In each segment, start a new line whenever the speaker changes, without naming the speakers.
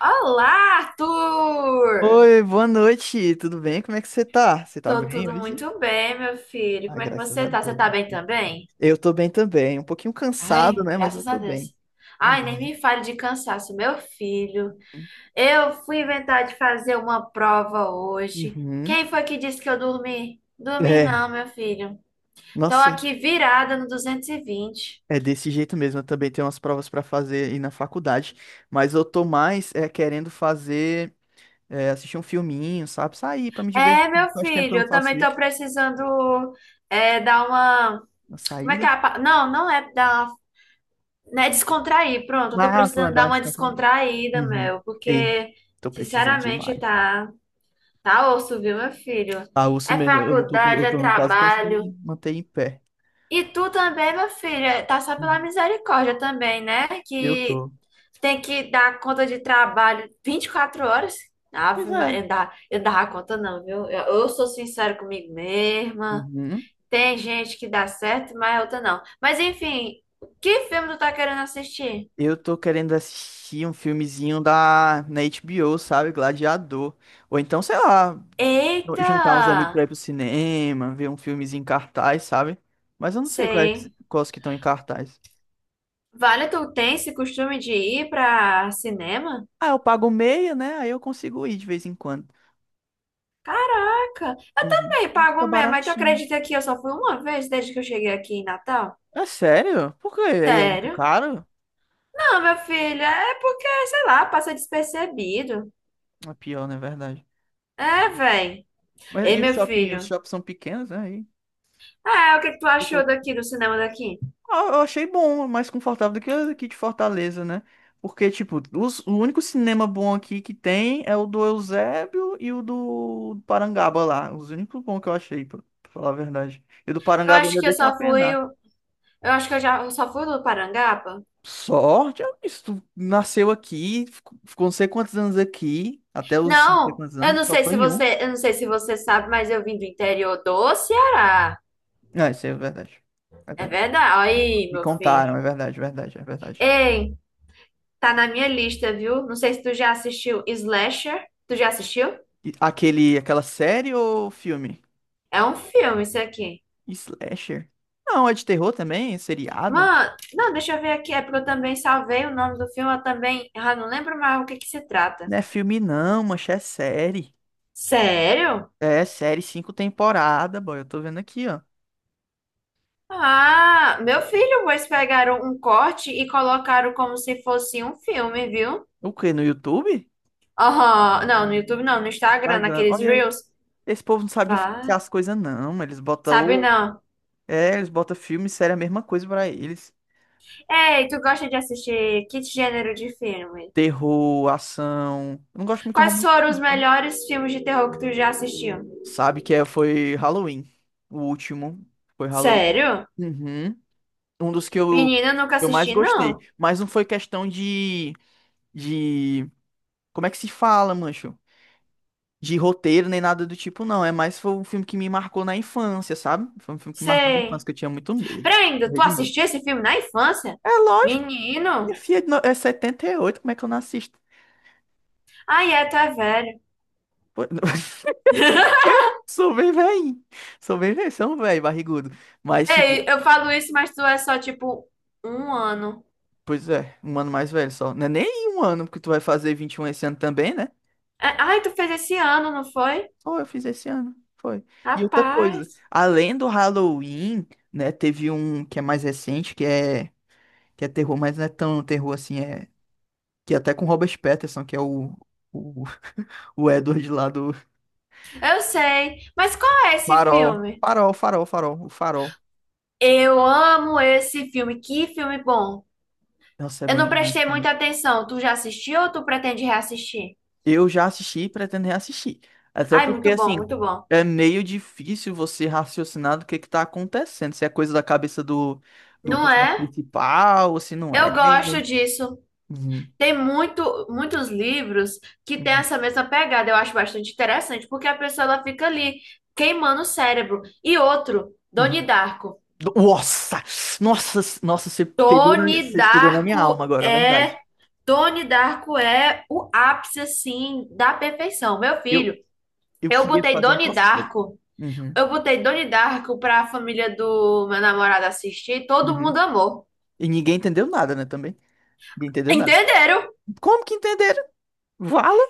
Olá, Arthur!
Oi, boa noite, tudo bem? Como é que você tá? Você tá
Tô
bem
tudo
hoje?
muito bem, meu filho.
Ah,
Como é que
graças
você
a
tá? Você
Deus.
tá bem também?
Eu tô bem também, um pouquinho cansado,
Ai,
né? Mas eu
graças a
tô
Deus.
bem.
Ai, nem
Amém.
me fale de cansaço, meu filho. Eu fui inventar de fazer uma prova hoje.
Uhum.
Quem foi que disse que eu dormi? Dormi
É,
não, meu filho. Tô
nossa,
aqui virada no 220.
é desse jeito mesmo. Eu também tenho umas provas pra fazer aí na faculdade, mas eu tô mais é, querendo fazer, assistir um filminho, sabe? Sair pra me divertir.
É, meu
Faz tempo que eu
filho,
não
eu também
faço
tô
isso.
precisando é, dar uma.
Uma
Como é que é?
saída.
Não, não é dar. Né, descontrair, pronto, eu tô
Ah, pra
precisando dar
andar
uma
descansar aí.
descontraída,
Uhum.
meu,
Ei,
porque,
tô precisando
sinceramente,
demais.
tá, tá osso, viu, meu filho?
Ah, urso
É
mesmo, eu não tô,
faculdade,
eu
é
tô quase conseguindo
trabalho.
me manter em pé.
E tu também, meu filho, tá só pela
Uhum.
misericórdia também, né?
Eu
Que
tô.
tem que dar conta de trabalho 24 horas.
Pois
Ave
é.
Maria, eu dava conta não, viu? Eu sou sincera comigo mesma.
Uhum.
Tem gente que dá certo, mas outra não. Mas enfim, que filme tu tá querendo assistir?
Eu tô querendo assistir um filmezinho da, na HBO, sabe? Gladiador. Ou então, sei lá,
Eita!
juntar uns amigos pra ir pro cinema, ver um filmezinho em cartaz, sabe? Mas eu não sei quais,
Sei.
quais que estão em cartaz.
Vale, tu tem esse costume de ir pra cinema?
Ah, eu pago meia, né? Aí eu consigo ir de vez em quando.
Caraca!
Uhum.
E aí, pago
Fica
mesmo, mas tu
baratinho.
acredita que eu só fui uma vez desde que eu cheguei aqui em Natal?
É sério? Por quê? Aí é muito
Sério?
caro?
Não, meu filho, é porque, sei lá, passa despercebido.
É pior, na verdade.
É, véi.
Mas
Ei,
e os
meu
shopping, os
filho.
shoppings são pequenos, né?
Ah, o que que tu achou daqui, do cinema daqui?
Ah, eu achei bom, mais confortável do que o aqui de Fortaleza, né? Porque, tipo, o único cinema bom aqui que tem é o do Eusébio e o do Parangaba lá. Os únicos bons que eu achei, pra falar a verdade. E o do
Eu
Parangaba
acho
ainda
que eu
deixa a
só fui.
penar.
Eu acho que eu só fui no Parangaba.
Sorte, é isso. Tu nasceu aqui, ficou não sei quantos anos aqui, até os não sei
Não,
quantos anos, só foi em um.
eu não sei se você sabe, mas eu vim do interior do Ceará.
Ah, isso aí é verdade. É
É
verdade.
verdade. Olha aí,
Me
meu filho.
contaram, é verdade, é verdade, é verdade.
Ei, tá na minha lista, viu? Não sei se tu já assistiu Slasher. Tu já assistiu?
Aquele, aquela série ou filme?
É um filme isso aqui.
Slasher? Não, é de terror também, é seriado.
Mano, não, deixa eu ver aqui. É porque eu também salvei o nome do filme. Eu também não lembro mais o que que se trata.
Não é filme não, mancha, é série.
Sério?
É série cinco temporada, boy. Eu tô vendo aqui, ó.
Ah, meu filho, pois pegaram um corte e colocaram como se fosse um filme, viu?
O quê? No YouTube?
Oh, não, no YouTube não, no Instagram,
Pagando.
naqueles
Olha aí.
Reels.
Esse povo não sabe
Vá,
diferenciar as coisas, não. Eles botam.
sabe não.
É, eles botam filme e série a mesma coisa pra eles.
Ei, tu gosta de assistir que gênero de filme?
Terror, ação. Eu não gosto muito de
Quais
romance,
foram
não,
os
tá?
melhores filmes de terror que tu já assistiu?
Sabe que é, foi Halloween. O último. Foi Halloween.
Sério?
Uhum. Um dos que eu, que
Menina, eu nunca
eu mais
assisti,
gostei.
não.
Mas não foi questão de. Como é que se fala, mancho? De roteiro nem nada do tipo, não. É mais foi um filme que me marcou na infância, sabe? Foi um filme que me marcou na infância,
Sei.
que eu tinha muito medo.
Peraí, ainda,
Morri
tu
de medo.
assistiu esse filme na infância?
É lógico. Minha
Menino?
filha é de 78, como é que eu não assisto?
Ai, é, tu é velho.
Pô, sou bem velho. Sou bem velho, sou um velho, barrigudo. Mas,
Ei,
tipo,
eu falo isso, mas tu é só, tipo, um ano.
pois é, um ano mais velho só. Não é nem um ano, porque tu vai fazer 21 esse ano também, né?
É. Ai, tu fez esse ano, não foi?
Foi, eu fiz esse ano. Foi. E outra
Rapaz.
coisa, além do Halloween, né, teve um que é mais recente, que é terror, mas não é tão terror assim, é que é até com Robert Pattinson, que é o, o Edward lá do
Eu sei. Mas qual é esse
Farol.
filme?
Farol, Farol, Farol, o Farol.
Eu amo esse filme. Que filme bom.
Nossa, é
Eu
bom
não
demais,
prestei
cara.
muita atenção. Tu já assistiu ou tu pretende reassistir?
Eu já assisti e pretendo reassistir. Até
Ai,
porque,
muito bom,
assim,
muito bom.
é meio difícil você raciocinar do que tá acontecendo, se é coisa da cabeça do
Não
personagem
é?
principal, ou se não é.
Eu gosto disso.
Uhum.
Tem muitos livros que têm
Uhum.
essa mesma pegada. Eu acho bastante interessante, porque a pessoa ela fica ali queimando o cérebro. E outro, Doni
Uhum.
Darko.
Nossa! Nossa, nossa, você pegou na,
Doni
você pegou na minha alma
Darko
agora, é verdade.
é Doni Darko é o ápice assim da perfeição. Meu
Eu,
filho,
eu
eu
queria
botei
fazer um
Doni
cosplay.
Darko,
Uhum,
eu botei Doni Darko para a família do meu namorado assistir, todo
uhum.
mundo amou.
E ninguém entendeu nada, né, também? Ninguém entendeu nada.
Entenderam?
Como que entenderam? Vala?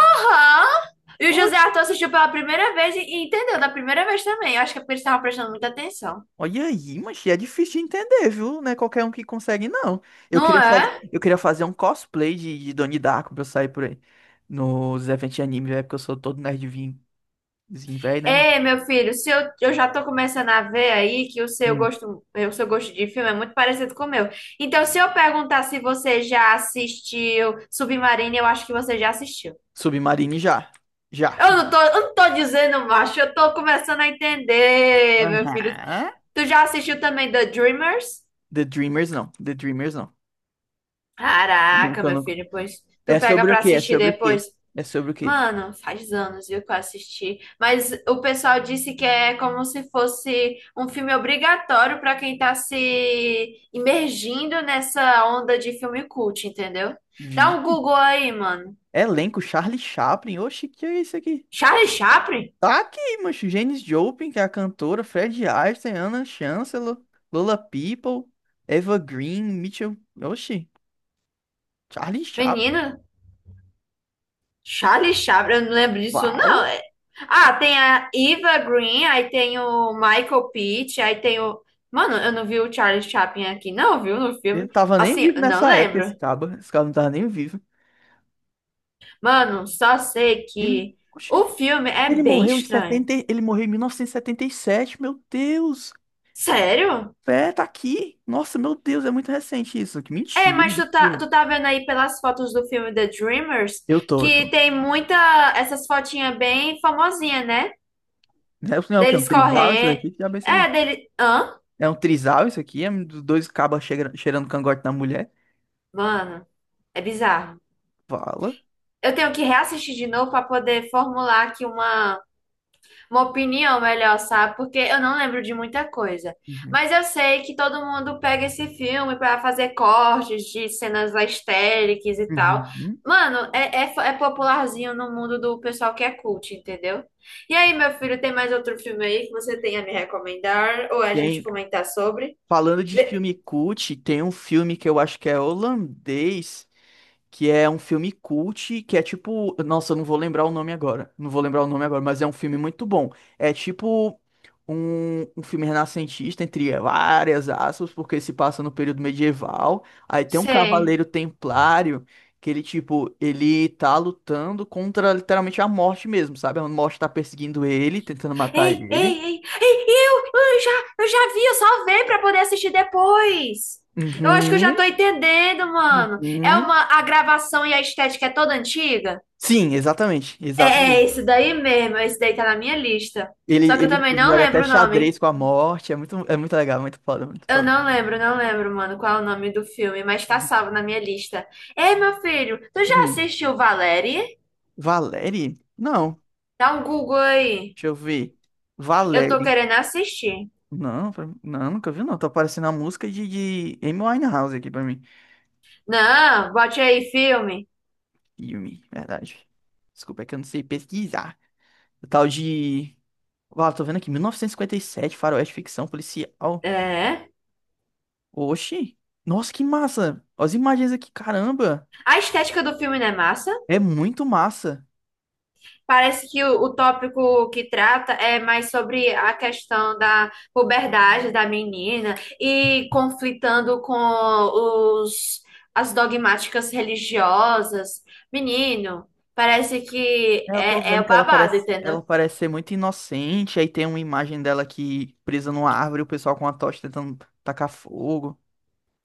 Hã? E o José
Oxi.
Arthur assistiu pela primeira vez e entendeu da primeira vez também. Eu acho que é porque eles estavam prestando muita atenção.
Olha aí, mas é difícil de entender, viu? Não é qualquer um que consegue, não. Eu
Não
queria fazer,
é?
eu queria fazer um cosplay de Donnie Darko pra eu sair por aí. Nos eventos de anime, é porque eu sou todo nerdzinho velho, né, mano?
Ei, meu filho, se eu, eu já tô começando a ver aí que
Hum.
o seu gosto de filme é muito parecido com o meu. Então, se eu perguntar se você já assistiu Submarino, eu acho que você já assistiu.
Submarine já. Já.
Eu não tô dizendo, macho, eu tô começando a entender, meu filho.
Aham.
Tu já assistiu também The Dreamers?
The Dreamers não. The Dreamers não.
Caraca,
Nunca,
meu
nunca.
filho, pois tu
É
pega
sobre o
pra
quê? É
assistir
sobre o
depois.
quê? É sobre o quê?
Mano, faz anos, viu, que eu assisti. Mas o pessoal disse que é como se fosse um filme obrigatório para quem tá se imergindo nessa onda de filme cult, entendeu? Dá um
Vixe.
Google aí, mano.
Elenco, Charlie Chaplin. Oxe, que é isso aqui?
Charlie Chaplin?
Tá aqui, mancho. Janis Joplin, que é a cantora. Fred Astaire, Anna Chancellor, Lola People, Eva Green, Mitchell. Oxe, Charlie Chaplin.
Menino, Charlie Chaplin, eu não lembro disso, não.
Uau!
Ah, tem a Eva Green, aí tem o Michael Pitt, aí tem o. Mano, eu não vi o Charlie Chaplin aqui, não, viu, no
Ele não
filme.
tava nem
Assim,
vivo
eu não
nessa época,
lembro.
esse cabo. Esse cara não tava nem vivo.
Mano, só sei
Ele.
que o
Oxe.
filme é
Ele
bem
morreu em
estranho.
70. Ele morreu em mil novecentos e setenta e sete. Meu Deus!
Sério?
É, tá aqui. Nossa, meu Deus, é muito recente isso. Que
É,
mentira.
mas
Meu Deus.
tu tá vendo aí pelas fotos do filme The Dreamers
Eu tô, eu
que
tô.
tem muita essas fotinhas bem famosinhas, né?
Não, é não, é o que é um
Deles
trisal isso
correndo.
daqui? Que diabo é isso aqui?
É, dele. Hã?
É um trisal isso aqui? É um dos dois cabas cheirando cangote na mulher?
Mano, é bizarro.
Fala.
Eu tenho que reassistir de novo pra poder formular aqui uma opinião melhor, sabe? Porque eu não lembro de muita coisa.
Uhum.
Mas eu sei que todo mundo pega esse filme pra fazer cortes de cenas histéricas e tal.
Uhum.
Mano, é popularzinho no mundo do pessoal que é cult, entendeu? E aí, meu filho, tem mais outro filme aí que você tem a me recomendar ou a gente
Tem,
comentar sobre?
falando de
Vê-
filme cult, tem um filme que eu acho que é holandês, que é um filme cult, que é tipo, nossa, eu não vou lembrar o nome agora. Não vou lembrar o nome agora, mas é um filme muito bom. É tipo um filme renascentista, entre várias aspas, porque se passa no período medieval. Aí tem um
Sei.
cavaleiro templário que ele tipo, ele tá lutando contra literalmente a morte mesmo, sabe? A morte tá perseguindo ele, tentando matar
Ei, ei,
ele.
ei, ei, eu já vi, eu salvei pra poder assistir depois. Eu acho que eu já
Uhum,
tô entendendo, mano. É
uhum.
uma, a gravação e a estética é toda antiga?
Sim, exatamente,
É, é
exatamente.
esse daí mesmo, esse daí tá na minha lista.
Ele,
Só que eu
ele,
também
ele
não
joga até
lembro o nome.
xadrez com a morte. É muito legal, muito foda, muito
Eu
foda.
não lembro, não lembro, mano, qual é o nome do filme, mas tá salvo na minha lista. Ei, meu filho, tu já
Hum,
assistiu Valérie?
Valérie? Não,
Dá um Google aí.
deixa eu ver.
Eu tô
Valérie.
querendo assistir.
Não, não, nunca vi, não. Tá aparecendo a música de Amy Winehouse aqui pra mim.
Não, bote aí filme.
Yumi, verdade. Desculpa, é que eu não sei pesquisar. O tal de. Uau, tô vendo aqui, 1957, faroeste, ficção policial.
É.
Oxi! Nossa, que massa! Olha as imagens aqui, caramba!
A estética do filme não é massa.
É muito massa!
Parece que o tópico que trata é mais sobre a questão da puberdade da menina e conflitando com os, as dogmáticas religiosas. Menino, parece que
É, eu tô
é, é
vendo
o
que ela
babado,
parece,
entendeu?
ela parece ser muito inocente, aí tem uma imagem dela aqui presa numa árvore, o pessoal com uma tocha tentando tacar fogo.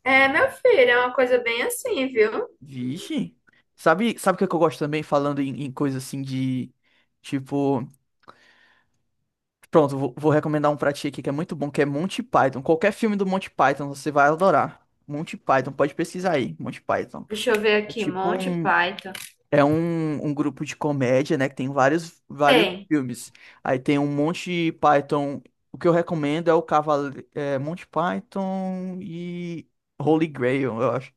É, meu filho, é uma coisa bem assim, viu?
Vixe. Sabe o que é que eu gosto também, falando em coisa assim de, tipo, pronto, vou recomendar um pra ti aqui que é muito bom, que é Monty Python. Qualquer filme do Monty Python você vai adorar. Monty Python, pode pesquisar aí, Monty Python.
Deixa eu ver
É
aqui,
tipo
Monty
um,
Python.
É um grupo de comédia, né? Que tem vários, vários
Tem.
filmes. Aí tem um Monty Python. O que eu recomendo é o Monty Python e Holy Grail, eu acho.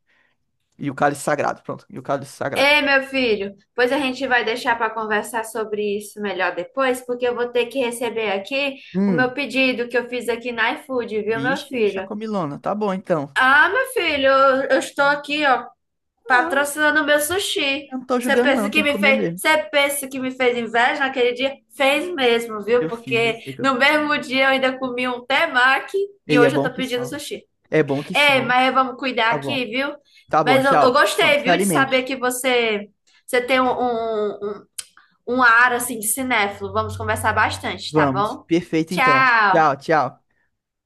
E o Cálice Sagrado, pronto. E o Cálice Sagrado.
Ei, meu filho, pois a gente vai deixar para conversar sobre isso melhor depois, porque eu vou ter que receber aqui o meu
Hum.
pedido que eu fiz aqui na iFood, viu, meu
Ixi, bicha
filho?
comilona. Tá bom, então.
Ah, meu filho, eu estou aqui, ó,
Não,
patrocinando o meu sushi.
eu não tô julgando, não. Tem que comer mesmo.
Você pensa que me fez inveja naquele dia? Fez mesmo, viu?
Eu fiz, eu
Porque
sei que eu...
no mesmo dia eu ainda comi um temaki e
E é
hoje eu
bom
tô
que
pedindo
só.
sushi.
É bom que
É,
só.
mas é, vamos cuidar
Tá
aqui,
bom.
viu?
Tá bom,
Mas eu
tchau. Bom,
gostei,
se
viu, de saber
alimente.
que você, você tem um ar assim de cinéfilo. Vamos conversar bastante, tá
Vamos.
bom?
Perfeito, então. Tchau,
Tchau!
tchau.